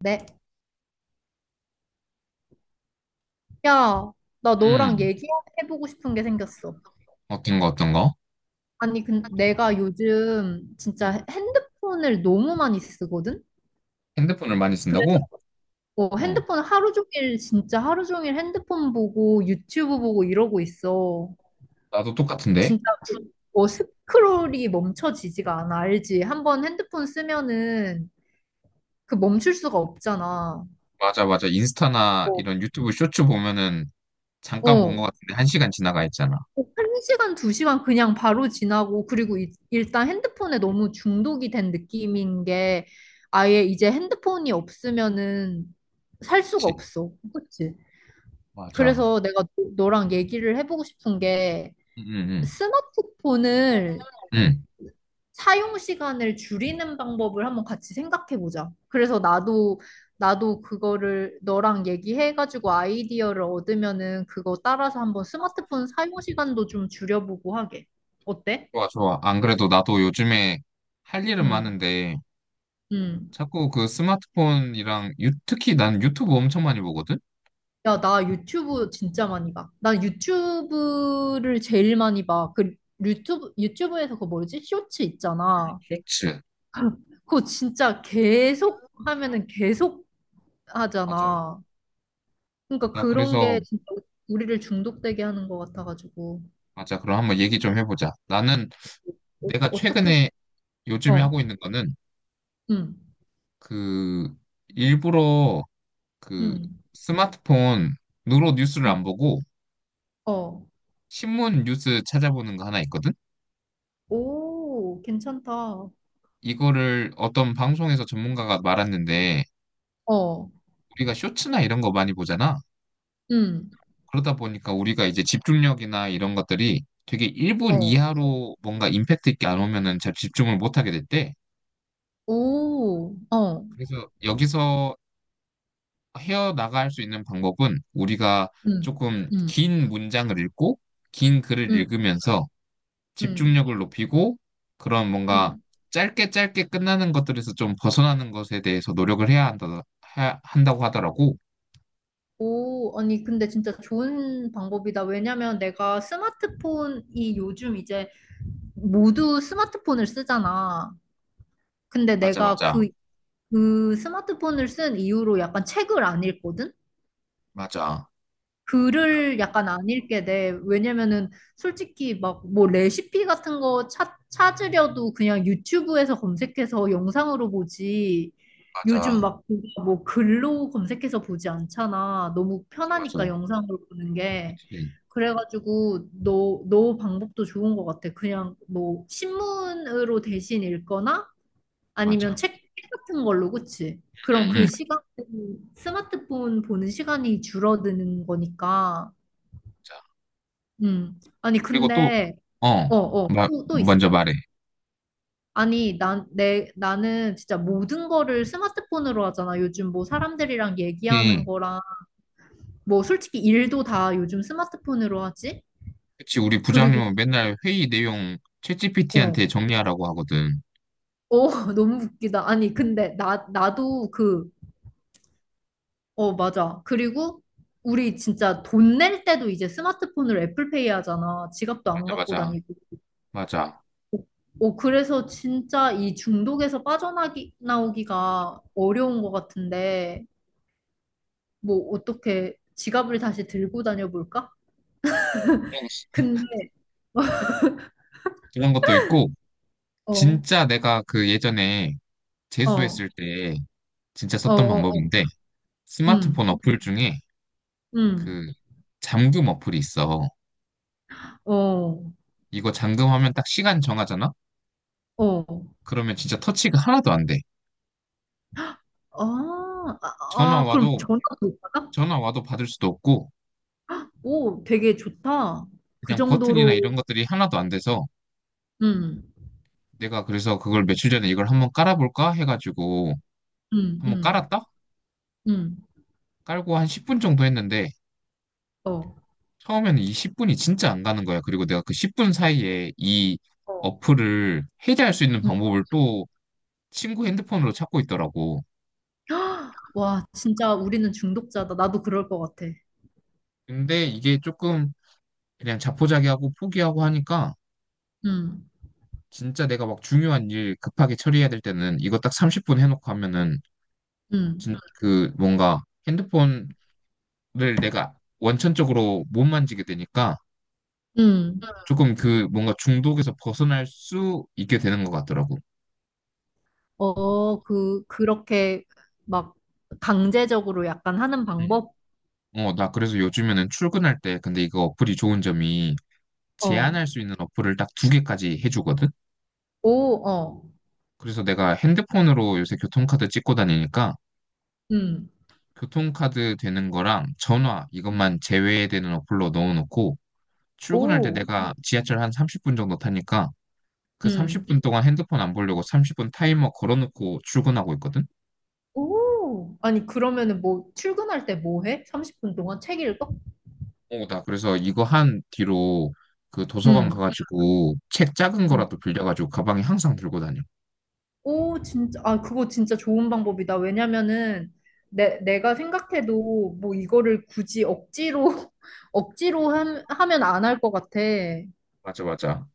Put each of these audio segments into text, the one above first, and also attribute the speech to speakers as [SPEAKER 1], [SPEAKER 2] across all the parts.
[SPEAKER 1] 네. 야, 나 너랑
[SPEAKER 2] 음,
[SPEAKER 1] 얘기해보고 싶은 게 생겼어.
[SPEAKER 2] 어떤 거, 어떤 거?
[SPEAKER 1] 아니, 근 내가 요즘
[SPEAKER 2] 음.
[SPEAKER 1] 진짜 핸드폰을 너무 많이 쓰거든?
[SPEAKER 2] 핸드폰을 많이
[SPEAKER 1] 그래서
[SPEAKER 2] 쓴다고? 어,
[SPEAKER 1] 핸드폰을 하루 종일, 진짜 하루 종일 핸드폰 보고 유튜브 보고 이러고 있어.
[SPEAKER 2] 나도 똑같은데.
[SPEAKER 1] 진짜 그, 스크롤이 멈춰지지가 않아. 알지? 한 번 핸드폰 쓰면은 그 멈출 수가 없잖아.
[SPEAKER 2] 맞아, 맞아. 인스타나
[SPEAKER 1] 어.
[SPEAKER 2] 이런 유튜브 쇼츠 보면은 잠깐 본 거
[SPEAKER 1] 어.
[SPEAKER 2] 같은데 한 시간 지나가 있잖아.
[SPEAKER 1] 한 시간, 두 시간 그냥 바로 지나고, 그리고 일단 핸드폰에 너무 중독이 된 느낌인 게, 아예 이제 핸드폰이 없으면은 살 수가
[SPEAKER 2] 그치?
[SPEAKER 1] 없어. 그치?
[SPEAKER 2] 맞아.
[SPEAKER 1] 그래서 내가 너- 너랑 얘기를 해보고 싶은 게,
[SPEAKER 2] 응, 응, 응.
[SPEAKER 1] 스마트폰을
[SPEAKER 2] 응.
[SPEAKER 1] 사용 시간을 줄이는 방법을 한번 같이 생각해 보자. 그래서 나도 그거를 너랑 얘기해가지고 아이디어를 얻으면은 그거 따라서 한번 스마트폰 사용 시간도 좀 줄여보고 하게. 어때?
[SPEAKER 2] 좋아, 좋아. 안 그래도 나도 요즘에 할 일은
[SPEAKER 1] 음,
[SPEAKER 2] 많은데
[SPEAKER 1] 음.
[SPEAKER 2] 자꾸 그 스마트폰이랑 특히 난 유튜브 엄청 많이 보거든?
[SPEAKER 1] 야, 나 유튜브 진짜 많이 봐. 난 유튜브를 제일 많이 봐. 그 유튜브 유튜브에서 그거 뭐지? 쇼츠 있잖아.
[SPEAKER 2] 쇼츠.
[SPEAKER 1] 그거 진짜 계속 하면은 계속
[SPEAKER 2] 맞아.
[SPEAKER 1] 하잖아. 그러니까
[SPEAKER 2] 나
[SPEAKER 1] 그런
[SPEAKER 2] 그래서,
[SPEAKER 1] 게 진짜 우리를 중독되게 하는 것 같아가지고
[SPEAKER 2] 맞아. 그럼 한번 얘기 좀 해보자. 나는
[SPEAKER 1] 어,
[SPEAKER 2] 내가
[SPEAKER 1] 어떻게.
[SPEAKER 2] 최근에 요즘에
[SPEAKER 1] 어,
[SPEAKER 2] 하고 있는 거는
[SPEAKER 1] 음,
[SPEAKER 2] 그 일부러 그
[SPEAKER 1] 음,
[SPEAKER 2] 스마트폰으로 뉴스를
[SPEAKER 1] 음,
[SPEAKER 2] 안 보고
[SPEAKER 1] 어,
[SPEAKER 2] 신문 뉴스 찾아보는 거 하나 있거든?
[SPEAKER 1] 오, 괜찮다.
[SPEAKER 2] 이거를 어떤 방송에서 전문가가 말았는데
[SPEAKER 1] 어,
[SPEAKER 2] 우리가 쇼츠나 이런 거 많이 보잖아.
[SPEAKER 1] 음,
[SPEAKER 2] 그러다 보니까 우리가 이제 집중력이나 이런 것들이 되게 1분
[SPEAKER 1] 어,
[SPEAKER 2] 이하로 뭔가 임팩트 있게 안 오면은 잘 집중을 못 하게 됐대.
[SPEAKER 1] 오, 어,
[SPEAKER 2] 그래서 여기서 헤어나갈 수 있는 방법은 우리가
[SPEAKER 1] 음,
[SPEAKER 2] 조금
[SPEAKER 1] 음,
[SPEAKER 2] 긴 문장을 읽고 긴 글을
[SPEAKER 1] 음,
[SPEAKER 2] 읽으면서
[SPEAKER 1] 음,
[SPEAKER 2] 집중력을 높이고 그런 뭔가
[SPEAKER 1] 음.
[SPEAKER 2] 짧게 짧게 끝나는 것들에서 좀 벗어나는 것에 대해서 노력을 해야 한다, 한다고 하더라고.
[SPEAKER 1] 오, 아니 근데 진짜 좋은 방법이다. 왜냐면 내가 스마트폰이 요즘 이제 모두 스마트폰을 쓰잖아. 근데
[SPEAKER 2] 맞아,
[SPEAKER 1] 내가
[SPEAKER 2] 맞아,
[SPEAKER 1] 그 스마트폰을 쓴 이후로 약간 책을 안 읽거든?
[SPEAKER 2] 맞아,
[SPEAKER 1] 글을 약간 안 읽게 돼. 왜냐면은 솔직히 막 뭐 레시피 같은 거 찾으려도 그냥 유튜브에서 검색해서 영상으로 보지.
[SPEAKER 2] 맞아,
[SPEAKER 1] 요즘
[SPEAKER 2] 맞아,
[SPEAKER 1] 막 뭐 글로 검색해서 보지 않잖아. 너무
[SPEAKER 2] 맞아,
[SPEAKER 1] 편하니까 영상으로 보는 게.
[SPEAKER 2] 그치,
[SPEAKER 1] 그래가지고 너 방법도 좋은 것 같아. 그냥 뭐 신문으로 대신 읽거나 아니면
[SPEAKER 2] 맞아.
[SPEAKER 1] 책 같은 걸로, 그치? 그럼
[SPEAKER 2] 응,
[SPEAKER 1] 그
[SPEAKER 2] 응.
[SPEAKER 1] 시간, 스마트폰 보는 시간이 줄어드는 거니까.
[SPEAKER 2] 자,
[SPEAKER 1] 음. 아니,
[SPEAKER 2] 그리고 또,
[SPEAKER 1] 근데, 어,
[SPEAKER 2] 어,
[SPEAKER 1] 또 있어.
[SPEAKER 2] 먼저 말해.
[SPEAKER 1] 아니, 나는 진짜 모든 거를 스마트폰으로 하잖아. 요즘 뭐 사람들이랑 얘기하는
[SPEAKER 2] 예,
[SPEAKER 1] 거랑, 뭐 솔직히 일도 다 요즘 스마트폰으로 하지?
[SPEAKER 2] 그치, 우리
[SPEAKER 1] 그리고,
[SPEAKER 2] 부장님은 맨날 회의 내용
[SPEAKER 1] 어,
[SPEAKER 2] 챗GPT한테 정리하라고 하거든.
[SPEAKER 1] 어, 너무 웃기다. 아니, 근데 나도 그 어, 맞아. 그리고 우리 진짜 돈낼 때도 이제 스마트폰으로 애플페이 하잖아. 지갑도 안
[SPEAKER 2] 맞아,
[SPEAKER 1] 갖고
[SPEAKER 2] 맞아,
[SPEAKER 1] 다니고.
[SPEAKER 2] 맞아.
[SPEAKER 1] 어, 그래서 진짜 이 중독에서 나오기가 어려운 것 같은데, 뭐, 어떻게 지갑을 다시 들고 다녀볼까?
[SPEAKER 2] 그런
[SPEAKER 1] 근데,
[SPEAKER 2] 그런 것도 있고,
[SPEAKER 1] 어,
[SPEAKER 2] 진짜 내가 그 예전에
[SPEAKER 1] 어,
[SPEAKER 2] 재수했을
[SPEAKER 1] 어,
[SPEAKER 2] 때 진짜
[SPEAKER 1] 어,
[SPEAKER 2] 썼던
[SPEAKER 1] 어,
[SPEAKER 2] 방법인데, 스마트폰
[SPEAKER 1] 음,
[SPEAKER 2] 어플 중에
[SPEAKER 1] 음,
[SPEAKER 2] 그 잠금 어플이 있어.
[SPEAKER 1] 어,
[SPEAKER 2] 이거 잠금하면 딱 시간 정하잖아?
[SPEAKER 1] 어.
[SPEAKER 2] 그러면 진짜 터치가 하나도 안 돼.
[SPEAKER 1] 아, 아,
[SPEAKER 2] 전화
[SPEAKER 1] 아, 그럼
[SPEAKER 2] 와도,
[SPEAKER 1] 전화도 못 받아?
[SPEAKER 2] 전화 와도 받을 수도 없고,
[SPEAKER 1] 오, 되게 좋다. 그
[SPEAKER 2] 그냥 버튼이나
[SPEAKER 1] 정도로,
[SPEAKER 2] 이런 것들이 하나도 안 돼서,
[SPEAKER 1] 음,
[SPEAKER 2] 내가 그래서 그걸 며칠 전에 이걸 한번 깔아볼까 해가지고,
[SPEAKER 1] 음,
[SPEAKER 2] 한번
[SPEAKER 1] 음.
[SPEAKER 2] 깔았다?
[SPEAKER 1] 응,
[SPEAKER 2] 깔고 한 10분 정도 했는데,
[SPEAKER 1] 어,
[SPEAKER 2] 처음에는 이 10분이 진짜 안 가는 거야. 그리고 내가 그 10분 사이에 이
[SPEAKER 1] 어.
[SPEAKER 2] 어플을 해제할 수 있는
[SPEAKER 1] 응.
[SPEAKER 2] 방법을 또 친구 핸드폰으로 찾고 있더라고.
[SPEAKER 1] 와, 진짜 우리는 중독자다. 나도 그럴 것 같아.
[SPEAKER 2] 근데 이게 조금 그냥 자포자기하고 포기하고 하니까
[SPEAKER 1] 응,
[SPEAKER 2] 진짜 내가 막 중요한 일 급하게 처리해야 될 때는 이거 딱 30분 해놓고 하면은
[SPEAKER 1] 응,
[SPEAKER 2] 진 그 뭔가 핸드폰을 내가 원천적으로 못 만지게 되니까
[SPEAKER 1] 응.
[SPEAKER 2] 조금 그 뭔가 중독에서 벗어날 수 있게 되는 것 같더라고.
[SPEAKER 1] 어, 그렇게 막 강제적으로 약간 하는 방법?
[SPEAKER 2] 음. 어, 나 그래서 요즘에는 출근할 때 근데 이거 어플이 좋은 점이
[SPEAKER 1] 어,
[SPEAKER 2] 제한할 수 있는 어플을 딱 두 개까지 해주거든.
[SPEAKER 1] 오, 어,
[SPEAKER 2] 그래서 내가 핸드폰으로 요새 교통카드 찍고 다니니까
[SPEAKER 1] 응,
[SPEAKER 2] 교통카드 되는 거랑 전화 이것만 제외되는 어플로 넣어놓고 출근할 때
[SPEAKER 1] 오,
[SPEAKER 2] 내가 지하철 한 30분 정도 타니까 그
[SPEAKER 1] 응,
[SPEAKER 2] 30분 동안 핸드폰 안 보려고 30분 타이머 걸어놓고 출근하고 있거든?
[SPEAKER 1] 오. 아니, 그러면은 뭐, 출근할 때 뭐 해? 30분 동안 책 읽어?
[SPEAKER 2] 어, 나 그래서 이거 한 뒤로 그 도서관
[SPEAKER 1] 응,
[SPEAKER 2] 가가지고 책 작은 거라도 빌려가지고 가방에 항상 들고 다녀.
[SPEAKER 1] 오, 진짜, 아, 그거 진짜 좋은 방법이다. 왜냐면은, 내가 생각해도, 뭐, 이거를 굳이 억지로, 억지로 하면 안 할 것 같아.
[SPEAKER 2] 맞아, 맞아.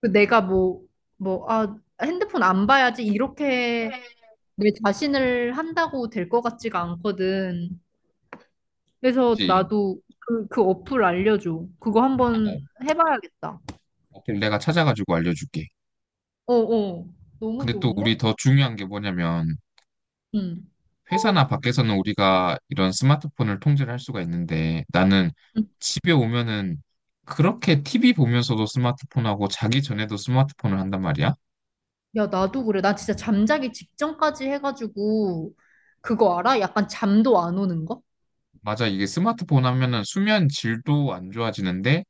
[SPEAKER 1] 그 내가 뭐, 뭐, 아, 핸드폰 안 봐야지, 이렇게 내 자신을 한다고 될 것 같지가 않거든. 그래서
[SPEAKER 2] 그치.
[SPEAKER 1] 나도 그 어플 알려줘. 그거
[SPEAKER 2] 어,
[SPEAKER 1] 한번 해봐야겠다.
[SPEAKER 2] 어, 내가 찾아가지고 알려줄게.
[SPEAKER 1] 어어, 너무
[SPEAKER 2] 근데 또 우리
[SPEAKER 1] 좋은데?
[SPEAKER 2] 더 중요한 게 뭐냐면
[SPEAKER 1] 응.
[SPEAKER 2] 회사나 밖에서는 우리가 이런 스마트폰을 통제를 할 수가 있는데 나는 집에 오면은 그렇게 TV 보면서도 스마트폰하고 자기 전에도 스마트폰을 한단 말이야.
[SPEAKER 1] 야, 나도 그래. 나 진짜 잠자기 직전까지 해가지고, 그거 알아? 약간 잠도 안 오는 거?
[SPEAKER 2] 맞아, 이게 스마트폰 하면은 수면 질도 안 좋아지는데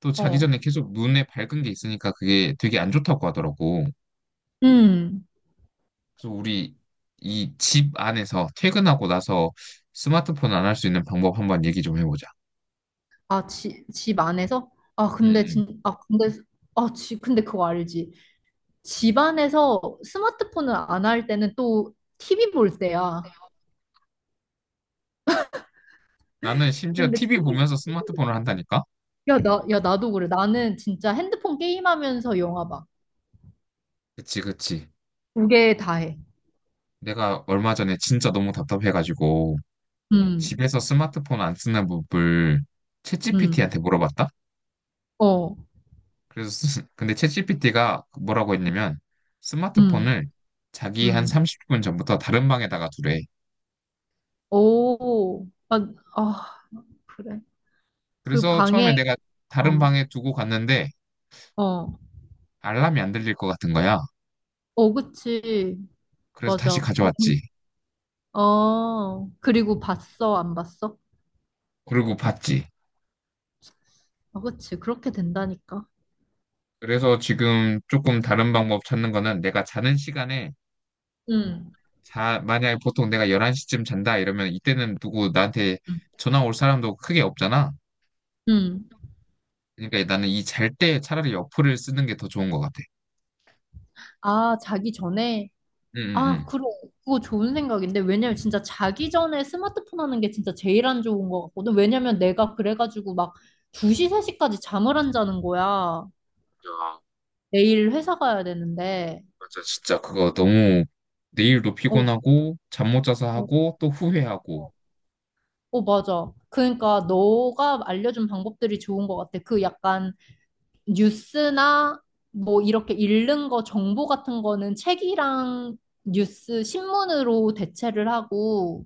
[SPEAKER 2] 또 자기
[SPEAKER 1] 어.
[SPEAKER 2] 전에 계속 눈에 밝은 게 있으니까 그게 되게 안 좋다고 하더라고.
[SPEAKER 1] 음.
[SPEAKER 2] 그래서 우리 이 집 안에서 퇴근하고 나서 스마트폰 안 할 수 있는 방법 한번 얘기 좀 해보자.
[SPEAKER 1] 아, 집 안에서? 아,
[SPEAKER 2] 응,
[SPEAKER 1] 근데
[SPEAKER 2] 응.
[SPEAKER 1] 진, 아, 근데, 아, 지, 근데 그거 알지? 집 안에서 스마트폰을 안 할 때는 또 TV 볼 때야.
[SPEAKER 2] 나는 심지어
[SPEAKER 1] 근데
[SPEAKER 2] TV
[SPEAKER 1] TV,
[SPEAKER 2] 보면서 스마트폰을 한다니까?
[SPEAKER 1] 야, 야, 나도 그래. 나는 진짜 핸드폰 게임하면서 영화 봐.
[SPEAKER 2] 그치, 그치.
[SPEAKER 1] 두 개 다 해.
[SPEAKER 2] 내가 얼마 전에 진짜 너무 답답해가지고
[SPEAKER 1] 음,
[SPEAKER 2] 집에서 스마트폰 안 쓰는 법을
[SPEAKER 1] 음,
[SPEAKER 2] 챗GPT한테 물어봤다?
[SPEAKER 1] 어,
[SPEAKER 2] 그래서 근데 챗GPT가 뭐라고 했냐면
[SPEAKER 1] 음,
[SPEAKER 2] 스마트폰을 자기 한
[SPEAKER 1] 음.
[SPEAKER 2] 30분 전부터 다른 방에다가 두래.
[SPEAKER 1] 오, 아, 아. 그래. 그
[SPEAKER 2] 그래서 처음에
[SPEAKER 1] 방에
[SPEAKER 2] 내가 다른
[SPEAKER 1] 어,
[SPEAKER 2] 방에 두고 갔는데
[SPEAKER 1] 어,
[SPEAKER 2] 알람이 안 들릴 것 같은 거야.
[SPEAKER 1] 어, 그치.
[SPEAKER 2] 그래서 다시
[SPEAKER 1] 맞아. 그럼,
[SPEAKER 2] 가져왔지.
[SPEAKER 1] 어, 그리고 봤어, 안 봤어?
[SPEAKER 2] 그리고 봤지.
[SPEAKER 1] 어, 그치. 그렇게 된다니까.
[SPEAKER 2] 그래서 지금 조금 다른 방법 찾는 거는 내가 자는 시간에
[SPEAKER 1] 응,
[SPEAKER 2] 자, 만약에 보통 내가 11시쯤 잔다 이러면 이때는 누구 나한테
[SPEAKER 1] 응,
[SPEAKER 2] 전화 올 사람도 크게 없잖아.
[SPEAKER 1] 응.
[SPEAKER 2] 그러니까 나는 이 잘 때 차라리 어플을 쓰는 게 더 좋은 것 같아.
[SPEAKER 1] 아, 자기 전에?
[SPEAKER 2] 응, 응,
[SPEAKER 1] 아,
[SPEAKER 2] 응.
[SPEAKER 1] 그래. 그거 좋은 생각인데. 왜냐면 진짜 자기 전에 스마트폰 하는 게 진짜 제일 안 좋은 것 같거든. 왜냐면 내가 그래가지고 막 2시, 3시까지 잠을 안 자는 거야.
[SPEAKER 2] 야,
[SPEAKER 1] 내일 회사 가야 되는데.
[SPEAKER 2] 맞아. 진짜 그거 너무 내일도
[SPEAKER 1] 어,
[SPEAKER 2] 피곤하고 잠 못 자서
[SPEAKER 1] 어.
[SPEAKER 2] 하고 또 후회하고
[SPEAKER 1] 어, 맞아. 그러니까 너가 알려준 방법들이 좋은 것 같아. 그 약간 뉴스나 뭐 이렇게 읽는 거 정보 같은 거는 책이랑 뉴스, 신문으로 대체를 하고,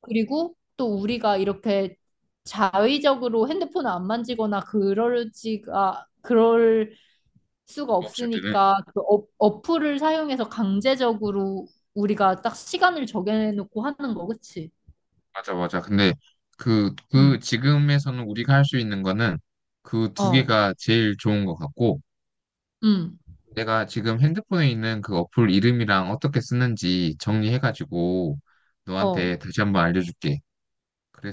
[SPEAKER 1] 그리고 또 우리가 이렇게 자의적으로 핸드폰을 안 만지거나 그럴 수가
[SPEAKER 2] 없을 때는
[SPEAKER 1] 없으니까 그 어, 어플을 사용해서 강제적으로 우리가 딱 시간을 정해놓고 하는 거, 그치?
[SPEAKER 2] 맞아, 맞아. 근데 그
[SPEAKER 1] 응,
[SPEAKER 2] 지금에서는 우리가 할 수 있는 거는 그 두
[SPEAKER 1] 어,
[SPEAKER 2] 개가 제일 좋은 것 같고
[SPEAKER 1] 응,
[SPEAKER 2] 내가 지금 핸드폰에 있는 그 어플 이름이랑 어떻게 쓰는지 정리해가지고
[SPEAKER 1] 어.
[SPEAKER 2] 너한테 다시 한번 알려줄게.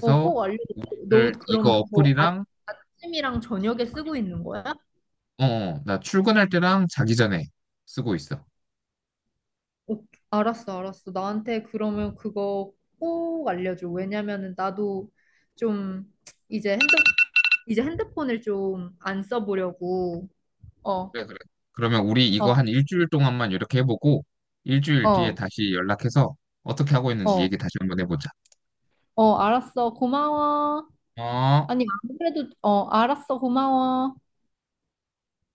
[SPEAKER 1] 어, 꼭 알려줘. 너 그럼
[SPEAKER 2] 이거
[SPEAKER 1] 뭐 아,
[SPEAKER 2] 어플이랑
[SPEAKER 1] 아침이랑 저녁에 쓰고 있는 거야?
[SPEAKER 2] 어, 어, 나 출근할 때랑 자기 전에 쓰고 있어.
[SPEAKER 1] 어, 알았어, 알았어. 나한테 그러면 그거 꼭 알려줘. 왜냐면은 나도 좀 이제 핸드 이제 핸드폰을 좀 안 써보려고. 어,
[SPEAKER 2] 그래, 그래. 그러면 우리 이거
[SPEAKER 1] 어,
[SPEAKER 2] 한 일주일 동안만 이렇게 해보고 일주일 뒤에
[SPEAKER 1] 어,
[SPEAKER 2] 다시 연락해서 어떻게 하고 있는지
[SPEAKER 1] 어,
[SPEAKER 2] 얘기 다시 한번 해보자.
[SPEAKER 1] 어, 알았어. 고마워. 아니,
[SPEAKER 2] 어.
[SPEAKER 1] 안 그래도 어, 알았어. 고마워.